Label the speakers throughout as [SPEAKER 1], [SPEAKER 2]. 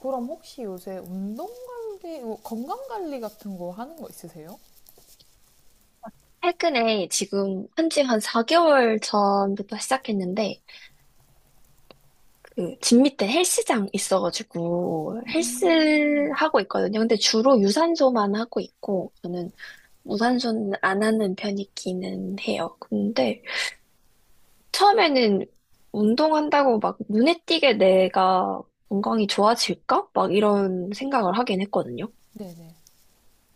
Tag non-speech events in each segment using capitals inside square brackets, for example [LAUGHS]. [SPEAKER 1] 그럼 혹시 요새 운동 관리, 뭐 건강 관리 같은 거 하는 거 있으세요?
[SPEAKER 2] 최근에 지금 한지 한 4개월 전부터 시작했는데, 집 밑에 헬스장 있어가지고, 헬스 하고 있거든요. 근데 주로 유산소만 하고 있고, 저는 무산소는 안 하는 편이기는 해요. 근데 처음에는 운동한다고 막 눈에 띄게 내가 건강이 좋아질까? 막 이런 생각을 하긴 했거든요.
[SPEAKER 1] 네네.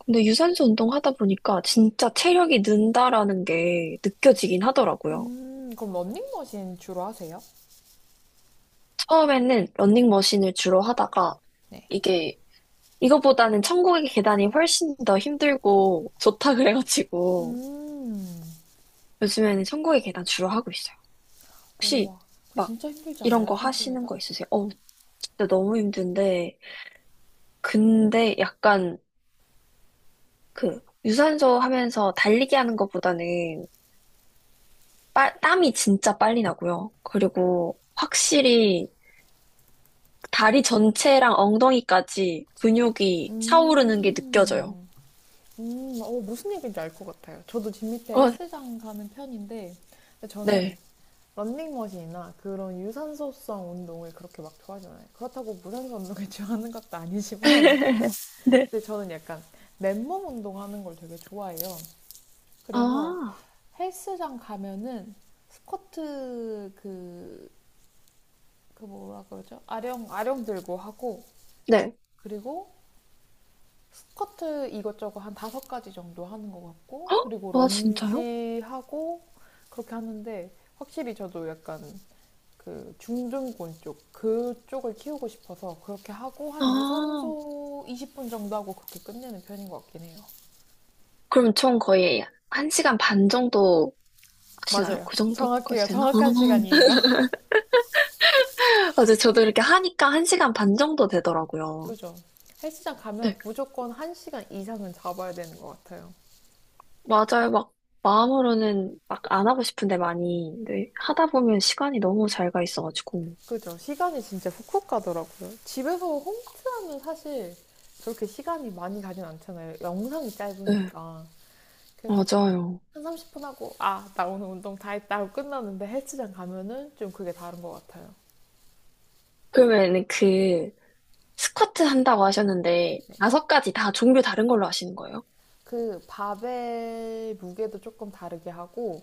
[SPEAKER 2] 근데 유산소 운동하다 보니까 진짜 체력이 는다라는 게 느껴지긴 하더라고요.
[SPEAKER 1] 그럼 런닝머신 주로 하세요?
[SPEAKER 2] 처음에는 러닝머신을 주로 하다가
[SPEAKER 1] 네.
[SPEAKER 2] 이게 이거보다는 천국의 계단이 훨씬 더 힘들고 좋다 그래가지고
[SPEAKER 1] 음,
[SPEAKER 2] 요즘에는 천국의 계단 주로 하고 있어요. 혹시
[SPEAKER 1] 우와. 그거
[SPEAKER 2] 막
[SPEAKER 1] 진짜 힘들지
[SPEAKER 2] 이런
[SPEAKER 1] 않아요?
[SPEAKER 2] 거 하시는
[SPEAKER 1] 손목에서?
[SPEAKER 2] 거 있으세요? 어우, 진짜 너무 힘든데 근데 약간 그 유산소 하면서 달리기 하는 것보다는 땀이 진짜 빨리 나고요. 그리고 확실히 다리 전체랑 엉덩이까지 근육이 차오르는 게 느껴져요.
[SPEAKER 1] 음, 무슨 얘기인지 알 것 같아요. 저도 집 밑에
[SPEAKER 2] 어,
[SPEAKER 1] 헬스장 가는 편인데, 근데 저는
[SPEAKER 2] 네.
[SPEAKER 1] 런닝머신이나 그런 유산소성 운동을 그렇게 막 좋아하잖 않아요. 그렇다고 무산소 운동을 [LAUGHS] 좋아하는 것도 아니지만,
[SPEAKER 2] [LAUGHS] 네.
[SPEAKER 1] 근데 저는 약간 맨몸 운동하는 걸 되게 좋아해요. 그래서
[SPEAKER 2] 아,
[SPEAKER 1] 헬스장 가면은 스쿼트 그, 그 뭐라 그러죠? 아령, 들고 하고,
[SPEAKER 2] 네.
[SPEAKER 1] 그리고 스쿼트 이것저것 한 다섯 가지 정도 하는 것 같고, 그리고
[SPEAKER 2] 어? 아, 진짜요?
[SPEAKER 1] 런지 하고, 그렇게 하는데, 확실히 저도 약간 그 중둔근 쪽, 그쪽을 키우고 싶어서 그렇게 하고, 한
[SPEAKER 2] 아,
[SPEAKER 1] 유산소 20분 정도 하고 그렇게 끝내는 편인 것 같긴 해요.
[SPEAKER 2] 그럼 총 거의 한시간반 정도 하시나요?
[SPEAKER 1] 맞아요.
[SPEAKER 2] 그 정도까지
[SPEAKER 1] 정확해요.
[SPEAKER 2] 되나?
[SPEAKER 1] 정확한 시간이에요.
[SPEAKER 2] 아,
[SPEAKER 1] [LAUGHS]
[SPEAKER 2] [LAUGHS] 맞아요. 저도 이렇게 하니까 한시간반 정도 되더라고요.
[SPEAKER 1] 그죠? 헬스장 가면
[SPEAKER 2] 네.
[SPEAKER 1] 무조건 1시간 이상은 잡아야 되는 것 같아요.
[SPEAKER 2] 맞아요. 막, 마음으로는 막 안 하고 싶은데 많이, 네. 하다 보면 시간이 너무 잘 가 있어가지고.
[SPEAKER 1] 그죠? 시간이 진짜 훅훅 가더라고요. 집에서 홈트하면 사실 저렇게 시간이 많이 가진 않잖아요. 영상이
[SPEAKER 2] 네.
[SPEAKER 1] 짧으니까. 그래서
[SPEAKER 2] 맞아요.
[SPEAKER 1] 한 30분 하고, 아, 나 오늘 운동 다 했다 하고 끝났는데 헬스장 가면은 좀 그게 다른 것 같아요.
[SPEAKER 2] 그러면 스쿼트 한다고 하셨는데,
[SPEAKER 1] 네.
[SPEAKER 2] 5가지 다 종류 다른 걸로 하시는 거예요?
[SPEAKER 1] 그 바벨 무게도 조금 다르게 하고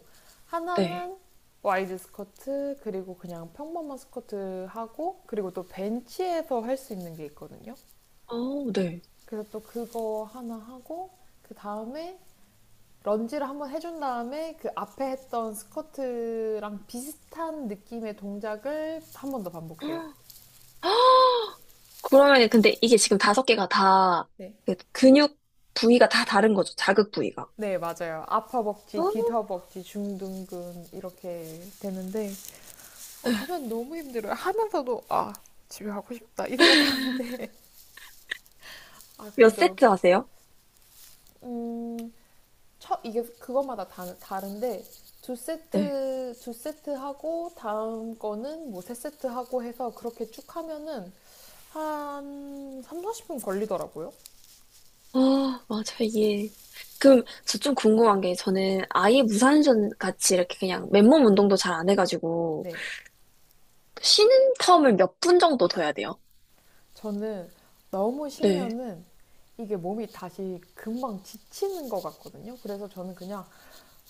[SPEAKER 2] 네.
[SPEAKER 1] 하나는 와이드 스쿼트 그리고 그냥 평범한 스쿼트 하고 그리고 또 벤치에서 할 수 있는 게 있거든요.
[SPEAKER 2] 어, 네.
[SPEAKER 1] 그래서 또 그거 하나 하고 그 다음에 런지를 한번 해준 다음에 그 앞에 했던 스쿼트랑 비슷한 느낌의 동작을 한 번 더 반복해요.
[SPEAKER 2] [GASPS] 그러면 근데 이게 지금 다섯 개가
[SPEAKER 1] 네.
[SPEAKER 2] 다그 근육 부위가 다 다른 거죠? 자극 부위가.
[SPEAKER 1] 네, 맞아요. 아퍼벅지,
[SPEAKER 2] 어?
[SPEAKER 1] 뒤터벅지, 중둔근 이렇게 되는데
[SPEAKER 2] 네.
[SPEAKER 1] 하면 너무 힘들어요. 하면서도 아 집에 가고 싶다 이 생각하는데 [LAUGHS] 아
[SPEAKER 2] 몇
[SPEAKER 1] 그래도
[SPEAKER 2] 세트 하세요?
[SPEAKER 1] 음, 첫 이게 그것마다 다른데 두
[SPEAKER 2] 네.
[SPEAKER 1] 세트 두 세트 하고 다음 거는 뭐 세 세트 하고 해서 그렇게 쭉 하면은 한 3, 40분 걸리더라고요.
[SPEAKER 2] 아, 맞아, 이게. 그럼 저 좀 궁금한 게 저는 아예 무산전 같이 이렇게 그냥 맨몸 운동도 잘 안 해가지고
[SPEAKER 1] 네.
[SPEAKER 2] 쉬는 텀을 몇 분 정도 둬야 돼요?
[SPEAKER 1] 저는 너무
[SPEAKER 2] 네.
[SPEAKER 1] 쉬면은 이게 몸이 다시 금방 지치는 것 같거든요. 그래서 저는 그냥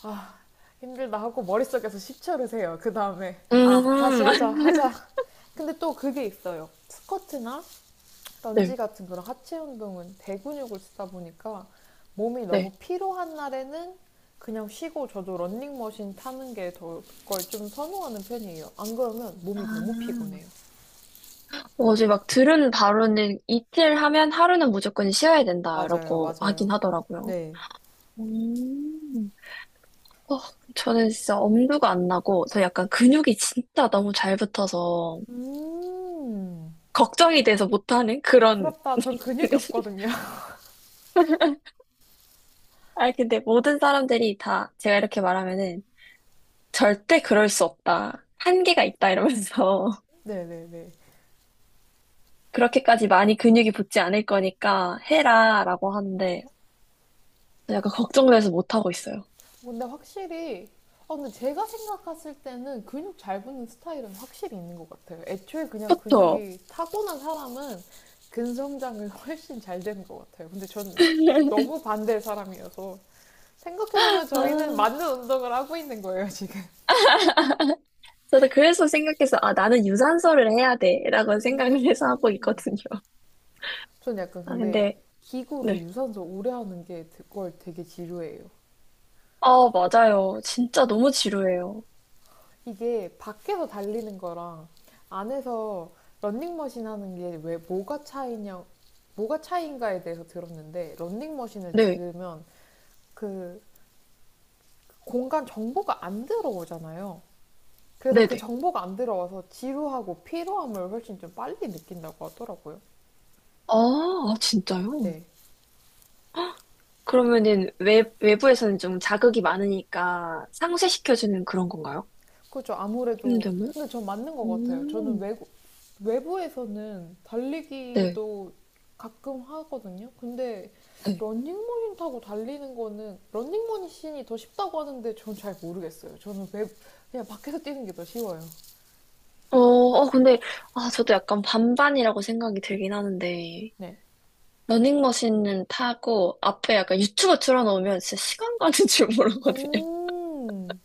[SPEAKER 1] 아, 힘들다 하고 머릿속에서 10초를 세요. 그 다음에, 아, 다시
[SPEAKER 2] 음, [LAUGHS]
[SPEAKER 1] 하자. 근데 또 그게 있어요. 스쿼트나
[SPEAKER 2] 네,
[SPEAKER 1] 런지 같은 그런 하체 운동은 대근육을 쓰다 보니까 몸이 너무
[SPEAKER 2] 네.
[SPEAKER 1] 피로한 날에는 그냥 쉬고 저도 런닝머신 타는 게 더 걸 좀 선호하는 편이에요. 안 그러면 몸이 너무
[SPEAKER 2] 아,
[SPEAKER 1] 피곤해요.
[SPEAKER 2] 어제 막 들은 바로는 이틀 하면 하루는 무조건 쉬어야 된다, 라
[SPEAKER 1] 맞아요,
[SPEAKER 2] 고
[SPEAKER 1] 맞아요.
[SPEAKER 2] 하긴 하더라고요.
[SPEAKER 1] 네.
[SPEAKER 2] 음. 어, 저는 진짜 엄두가 안 나고, 저 약간 근육이 진짜 너무 잘 붙어서,
[SPEAKER 1] 음,
[SPEAKER 2] 걱정이 돼서 못하는 그런.
[SPEAKER 1] 부럽다. 전 근육이 없거든요. [LAUGHS]
[SPEAKER 2] [LAUGHS] 아, 근데 모든 사람들이 다 제가 이렇게 말하면은, 절대 그럴 수 없다. 한계가 있다, 이러면서.
[SPEAKER 1] 네네네.
[SPEAKER 2] [LAUGHS] 그렇게까지 많이 근육이 붙지 않을 거니까 해라, 라고 하는데, 약간 걱정돼서 못하고 있어요.
[SPEAKER 1] 근데 확실히, 아, 근데 제가 생각했을 때는 근육 잘 붙는 스타일은 확실히 있는 것 같아요. 애초에 그냥
[SPEAKER 2] 그쵸?
[SPEAKER 1] 근육이 타고난 사람은 근성장은 [LAUGHS] 훨씬 잘 되는 것 같아요. 근데 저는
[SPEAKER 2] [LAUGHS]
[SPEAKER 1] 너무 반대의 사람이어서 생각해보면 저희는
[SPEAKER 2] 아,
[SPEAKER 1] 맞는 운동을 하고 있는 거예요, 지금.
[SPEAKER 2] 저도 그래서 생각해서, 아, 나는 유산소를 해야 돼, 라고 생각을 해서 하고
[SPEAKER 1] 음.
[SPEAKER 2] 있거든요.
[SPEAKER 1] 전 약간
[SPEAKER 2] 아,
[SPEAKER 1] 근데
[SPEAKER 2] 근데,
[SPEAKER 1] 기구로
[SPEAKER 2] 네.
[SPEAKER 1] 유산소 오래 하는 게 그걸 되게 지루해요.
[SPEAKER 2] 아, 맞아요. 진짜 너무 지루해요.
[SPEAKER 1] 이게 밖에서 달리는 거랑 안에서 런닝머신 하는 게 왜 뭐가 차이냐 뭐가 차이인가에 대해서 들었는데 런닝머신을
[SPEAKER 2] 네.
[SPEAKER 1] 들으면 그 공간 정보가 안 들어오잖아요. 그래서 그
[SPEAKER 2] 네네.
[SPEAKER 1] 정보가 안 들어와서 지루하고 피로함을 훨씬 좀 빨리 느낀다고 하더라고요.
[SPEAKER 2] 아, 아, 진짜요?
[SPEAKER 1] 네.
[SPEAKER 2] 그러면은 외부에서는 좀 자극이 많으니까 상쇄시켜주는 그런 건가요?
[SPEAKER 1] 그렇죠. 아무래도
[SPEAKER 2] 힘듦을?
[SPEAKER 1] 근데 전 맞는 것 같아요. 저는
[SPEAKER 2] 음,
[SPEAKER 1] 외국 외부에서는
[SPEAKER 2] 네,
[SPEAKER 1] 달리기도 가끔 하거든요. 근데
[SPEAKER 2] 네.
[SPEAKER 1] 런닝머신 타고 달리는 거는 런닝머신이 더 쉽다고 하는데 전 잘 모르겠어요. 저는 외 그냥 밖에서 뛰는 게 더 쉬워요.
[SPEAKER 2] 근데, 아, 저도 약간 반반이라고 생각이 들긴 하는데,
[SPEAKER 1] 네.
[SPEAKER 2] 러닝머신은 타고, 앞에 약간 유튜브 틀어놓으면 진짜 시간 가는 줄 모르거든요.
[SPEAKER 1] 음,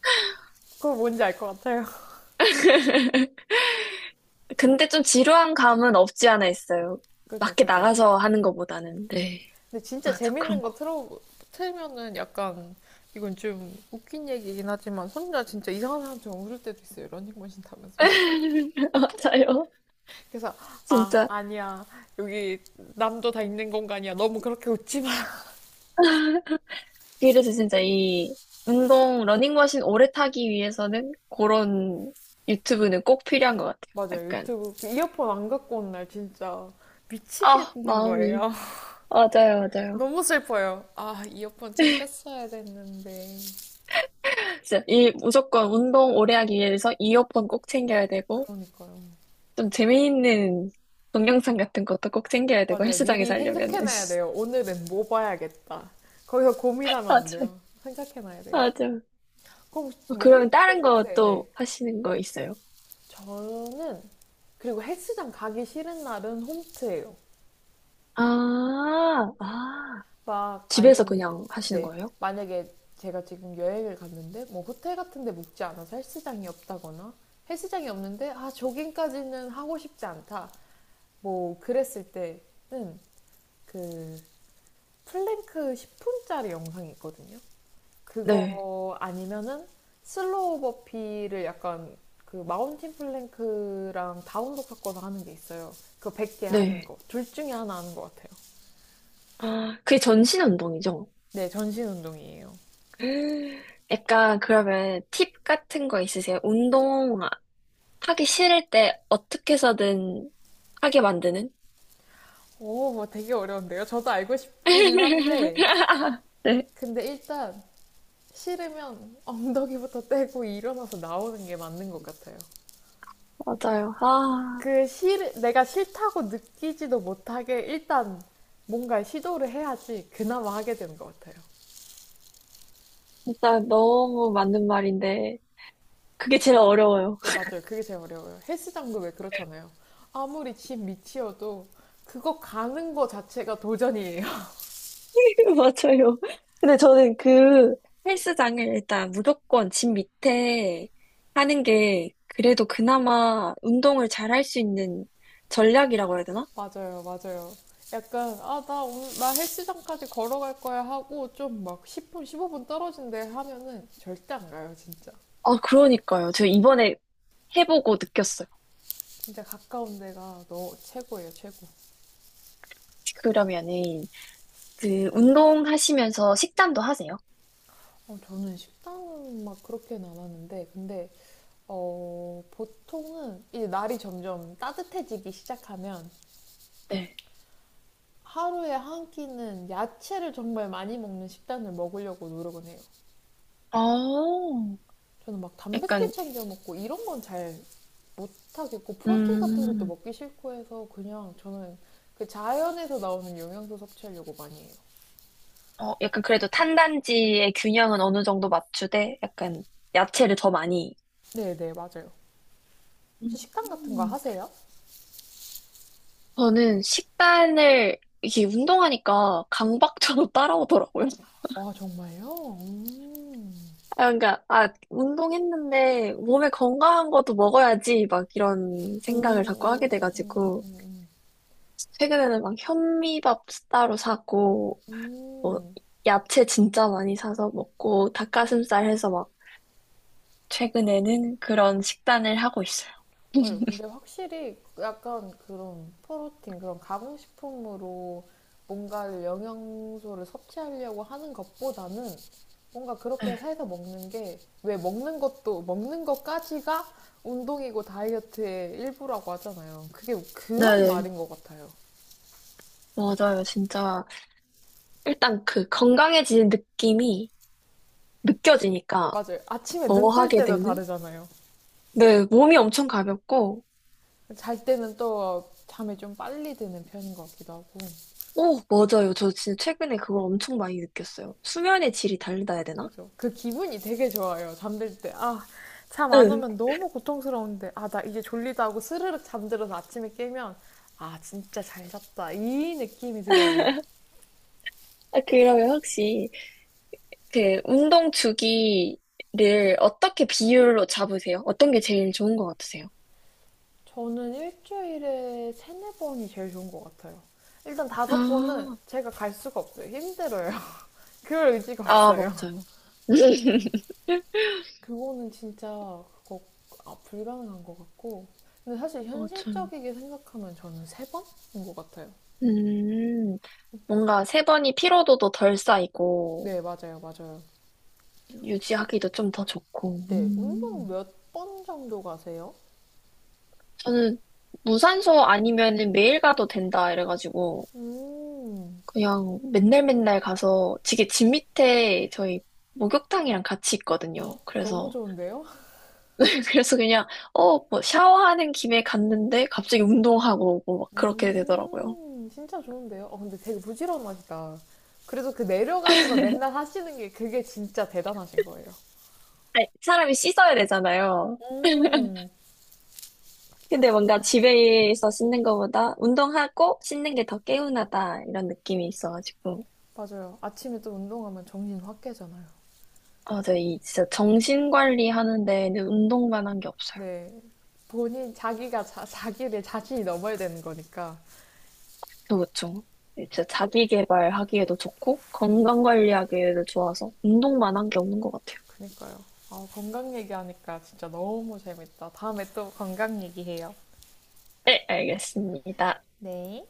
[SPEAKER 1] 그거 뭔지 알 것 같아요.
[SPEAKER 2] 근데 좀 지루한 감은 없지 않아 있어요.
[SPEAKER 1] [LAUGHS] 그죠,
[SPEAKER 2] 밖에
[SPEAKER 1] 그죠.
[SPEAKER 2] 나가서 하는 것보다는.
[SPEAKER 1] 네.
[SPEAKER 2] 네.
[SPEAKER 1] 근데 진짜
[SPEAKER 2] 맞아, 그런
[SPEAKER 1] 재밌는 거
[SPEAKER 2] 거.
[SPEAKER 1] 틀어 틀면은 약간 이건 좀 웃긴 얘기긴 하지만 혼자 진짜 이상한 사람처럼 울을 때도 있어요. 런닝머신 타면서.
[SPEAKER 2] [LAUGHS] 맞아요.
[SPEAKER 1] 그래서 아
[SPEAKER 2] 진짜.
[SPEAKER 1] 아니야 여기 남도 다 있는 공간이야 너무 그렇게 웃지 마. [LAUGHS]
[SPEAKER 2] 그래서 진짜 이 운동, 러닝머신 오래 타기 위해서는 그런 유튜브는 꼭 필요한 것 같아요.
[SPEAKER 1] 맞아요.
[SPEAKER 2] 약간,
[SPEAKER 1] 유튜브 그 이어폰 안 갖고 온 날 진짜
[SPEAKER 2] 아,
[SPEAKER 1] 미치겠는
[SPEAKER 2] 마음이.
[SPEAKER 1] 거예요. [LAUGHS]
[SPEAKER 2] 맞아요, 맞아요.
[SPEAKER 1] 너무 슬퍼요. 아 이어폰 챙겼어야 됐는데.
[SPEAKER 2] 진짜 이 무조건 운동 오래 하기 위해서 이어폰 꼭 챙겨야 되고,
[SPEAKER 1] 그러니까요.
[SPEAKER 2] 좀 재미있는 동영상 같은 것도 꼭 챙겨야 되고,
[SPEAKER 1] 맞아요. 미리
[SPEAKER 2] 헬스장에서 하려면은.
[SPEAKER 1] 생각해놔야 돼요.
[SPEAKER 2] [LAUGHS]
[SPEAKER 1] 오늘은 뭐 봐야겠다. 거기서 고민하면 안
[SPEAKER 2] 맞아요.
[SPEAKER 1] 돼요. 생각해놔야 돼요.
[SPEAKER 2] 맞아요.
[SPEAKER 1] 그럼 혹시
[SPEAKER 2] 어,
[SPEAKER 1] 뭐
[SPEAKER 2] 그러면 다른
[SPEAKER 1] 홈트가
[SPEAKER 2] 거
[SPEAKER 1] 네네
[SPEAKER 2] 또 하시는 거 있어요?
[SPEAKER 1] 저는 그리고 헬스장 가기 싫은 날은 홈트예요.
[SPEAKER 2] 아, 아,
[SPEAKER 1] 막
[SPEAKER 2] 집에서
[SPEAKER 1] 아니면
[SPEAKER 2] 그냥 하시는
[SPEAKER 1] 네,
[SPEAKER 2] 거예요?
[SPEAKER 1] 만약에 제가 지금 여행을 갔는데 뭐 호텔 같은 데 묵지 않아서 헬스장이 없다거나 헬스장이 없는데 아 조깅까지는 하고 싶지 않다 뭐 그랬을 때는 그 플랭크 10분짜리 영상이 있거든요.
[SPEAKER 2] 네,
[SPEAKER 1] 그거 아니면은 슬로우 버피를 약간 그 마운틴 플랭크랑 다운독 섞어서 하는 게 있어요. 그거 100개 하는
[SPEAKER 2] 네.
[SPEAKER 1] 거 둘 중에 하나 하는 것 같아요.
[SPEAKER 2] 아, 그게 전신 운동이죠?
[SPEAKER 1] 네 전신 운동이에요.
[SPEAKER 2] [GASPS] 음, 약간 그러면 팁 같은 거 있으세요? 운동 하기 싫을 때 어떻게 해서든 하게 만드는?
[SPEAKER 1] 오, 뭐 되게 어려운데요. 저도 알고 싶기는 한데,
[SPEAKER 2] [LAUGHS] 네,
[SPEAKER 1] 근데 일단 싫으면 [LAUGHS] 엉덩이부터 떼고 일어나서 나오는 게 맞는 것 같아요.
[SPEAKER 2] 맞아요. 아,
[SPEAKER 1] 내가 싫다고 느끼지도 못하게 일단 뭔가 시도를 해야지 그나마 하게 되는 것 같아요.
[SPEAKER 2] 진짜 너무 맞는 말인데, 그게 제일 어려워요.
[SPEAKER 1] 그 맞아요. 그게 제일 어려워요. 헬스장도 왜 그렇잖아요. 아무리 집 밑이어도 그거 가는 거 자체가 도전이에요.
[SPEAKER 2] [LAUGHS] 맞아요. 근데 저는 헬스장을 일단 무조건 집 밑에 하는 게 그래도 그나마 운동을 잘할 수 있는 전략이라고 해야 되나?
[SPEAKER 1] 맞아요, 맞아요. 약간, 나 헬스장까지 걸어갈 거야 하고, 좀 막 10분, 15분 떨어진 데 하면은 절대 안 가요, 진짜.
[SPEAKER 2] 아, 그러니까요. 저 이번에 해보고 느꼈어요.
[SPEAKER 1] 진짜 가까운 데가 너 최고예요, 최고.
[SPEAKER 2] 그러면은 그 운동하시면서 식단도 하세요?
[SPEAKER 1] 저는 식단은 막 그렇게는 안 하는데, 근데, 보통은 이제 날이 점점 따뜻해지기 시작하면
[SPEAKER 2] 네.
[SPEAKER 1] 하루에 한 끼는 야채를 정말 많이 먹는 식단을 먹으려고 노력은 해요.
[SPEAKER 2] 어,
[SPEAKER 1] 저는 막 단백질
[SPEAKER 2] 약간,
[SPEAKER 1] 챙겨 먹고 이런 건 잘 못하겠고 프로틴 같은 것도
[SPEAKER 2] 음,
[SPEAKER 1] 먹기 싫고 해서 그냥 저는 그 자연에서 나오는 영양소 섭취하려고 많이 해요.
[SPEAKER 2] 어, 약간 그래도 탄단지의 균형은 어느 정도 맞추되 약간 야채를 더 많이
[SPEAKER 1] 네네 맞아요. 혹시 식단 같은 거
[SPEAKER 2] 음.
[SPEAKER 1] 하세요?
[SPEAKER 2] 저는 식단을 이게 운동하니까 강박처럼 [LAUGHS] 따라오더라고요.
[SPEAKER 1] 아 정말요? 음.
[SPEAKER 2] 아, 그러니까 아 운동했는데 몸에 건강한 것도 먹어야지 막 이런
[SPEAKER 1] 음, 음,
[SPEAKER 2] 생각을 자꾸 하게
[SPEAKER 1] 음, 음,
[SPEAKER 2] 돼가지고
[SPEAKER 1] 음,
[SPEAKER 2] 최근에는 막 현미밥 따로 사고 뭐
[SPEAKER 1] 음.
[SPEAKER 2] 야채 진짜 많이 사서 먹고 닭가슴살 해서 막 최근에는 그런 식단을 하고 있어요.
[SPEAKER 1] 맞아요. 근데
[SPEAKER 2] [LAUGHS]
[SPEAKER 1] 확실히 약간 그런 프로틴, 그런 가공식품으로 뭔가를 영양소를 섭취하려고 하는 것보다는 뭔가 그렇게
[SPEAKER 2] 네,
[SPEAKER 1] 해서 먹는 게 왜 먹는 것도 먹는 것까지가 운동이고 다이어트의 일부라고 하잖아요. 그게 그런
[SPEAKER 2] 네네.
[SPEAKER 1] 말인 것 같아요.
[SPEAKER 2] 맞아요. 진짜 일단 그 건강해지는 느낌이 느껴지니까
[SPEAKER 1] 맞아요. 아침에
[SPEAKER 2] 더
[SPEAKER 1] 눈뜰
[SPEAKER 2] 하게
[SPEAKER 1] 때도
[SPEAKER 2] 되는
[SPEAKER 1] 다르잖아요.
[SPEAKER 2] 네, 몸이 엄청 가볍고,
[SPEAKER 1] 잘 때는 또 잠이 좀 빨리 드는 편인 것 같기도 하고.
[SPEAKER 2] 오, 맞아요. 저 진짜 최근에 그걸 엄청 많이 느꼈어요. 수면의 질이 다르다 해야 되나?
[SPEAKER 1] 그죠. 그 기분이 되게 좋아요. 잠들 때. 아, 잠 안
[SPEAKER 2] 응.
[SPEAKER 1] 오면 너무 고통스러운데. 아, 나 이제 졸리다 하고 스르륵 잠들어서 아침에 깨면, 아, 진짜 잘 잤다. 이 느낌이 들어요.
[SPEAKER 2] 아, 그러면 혹시 그 운동 주기를 어떻게 비율로 잡으세요? 어떤 게 제일 좋은 것 같으세요?
[SPEAKER 1] 저는 일주일에 세네 번이 제일 좋은 것 같아요. 일단 다섯 번은
[SPEAKER 2] 아,
[SPEAKER 1] 제가 갈 수가 없어요. 힘들어요. [LAUGHS] 그럴 의지가
[SPEAKER 2] 아, 뭐.
[SPEAKER 1] 없어요. [LAUGHS]
[SPEAKER 2] 맞아요. [LAUGHS]
[SPEAKER 1] 그거는 진짜 그거 아, 불가능한 것 같고. 근데 사실
[SPEAKER 2] 맞아요.
[SPEAKER 1] 현실적이게 생각하면 저는 세 번인 것 같아요.
[SPEAKER 2] 음, 뭔가 세 번이 피로도도 덜 쌓이고,
[SPEAKER 1] 네, 맞아요, 맞아요. 주로
[SPEAKER 2] 유지하기도 좀 더 좋고.
[SPEAKER 1] 네, 운동
[SPEAKER 2] 음.
[SPEAKER 1] 몇 번 정도 가세요?
[SPEAKER 2] 저는 무산소 아니면은 매일 가도 된다, 이래가지고.
[SPEAKER 1] 음,
[SPEAKER 2] 그냥 맨날 맨날 가서 이게 집 밑에 저희 목욕탕이랑 같이 있거든요.
[SPEAKER 1] 헉, 너무
[SPEAKER 2] 그래서
[SPEAKER 1] 좋은데요?
[SPEAKER 2] [LAUGHS] 그래서 그냥 어 뭐 샤워하는 김에 갔는데 갑자기 운동하고 오고 막 그렇게 되더라고요.
[SPEAKER 1] 진짜 좋은데요? 어, 근데 되게 부지런하시다. 그래서 그 내려가는 걸 맨날 하시는 게 그게 진짜 대단하신 거예요.
[SPEAKER 2] 아니, 사람이 씻어야 되잖아요.
[SPEAKER 1] 음,
[SPEAKER 2] 근데 뭔가 집에서 씻는 것보다 운동하고 씻는 게 더 개운하다 이런 느낌이 있어가지고
[SPEAKER 1] 맞아요. 아침에 또 운동하면 정신 확 깨잖아요.
[SPEAKER 2] 아, 저이 진짜 정신 관리하는 데는 운동만 한 게 없어요.
[SPEAKER 1] 네, 본인 자기를 자신이 넘어야 되는 거니까.
[SPEAKER 2] 그렇죠. 진짜 자기 개발하기에도 좋고, 건강 관리하기에도 좋아서, 운동만 한 게 없는 것 같아요.
[SPEAKER 1] 그니까요. 아, 건강 얘기하니까 진짜 너무 재밌다. 다음에 또 건강 얘기해요.
[SPEAKER 2] 네, 알겠습니다.
[SPEAKER 1] 네.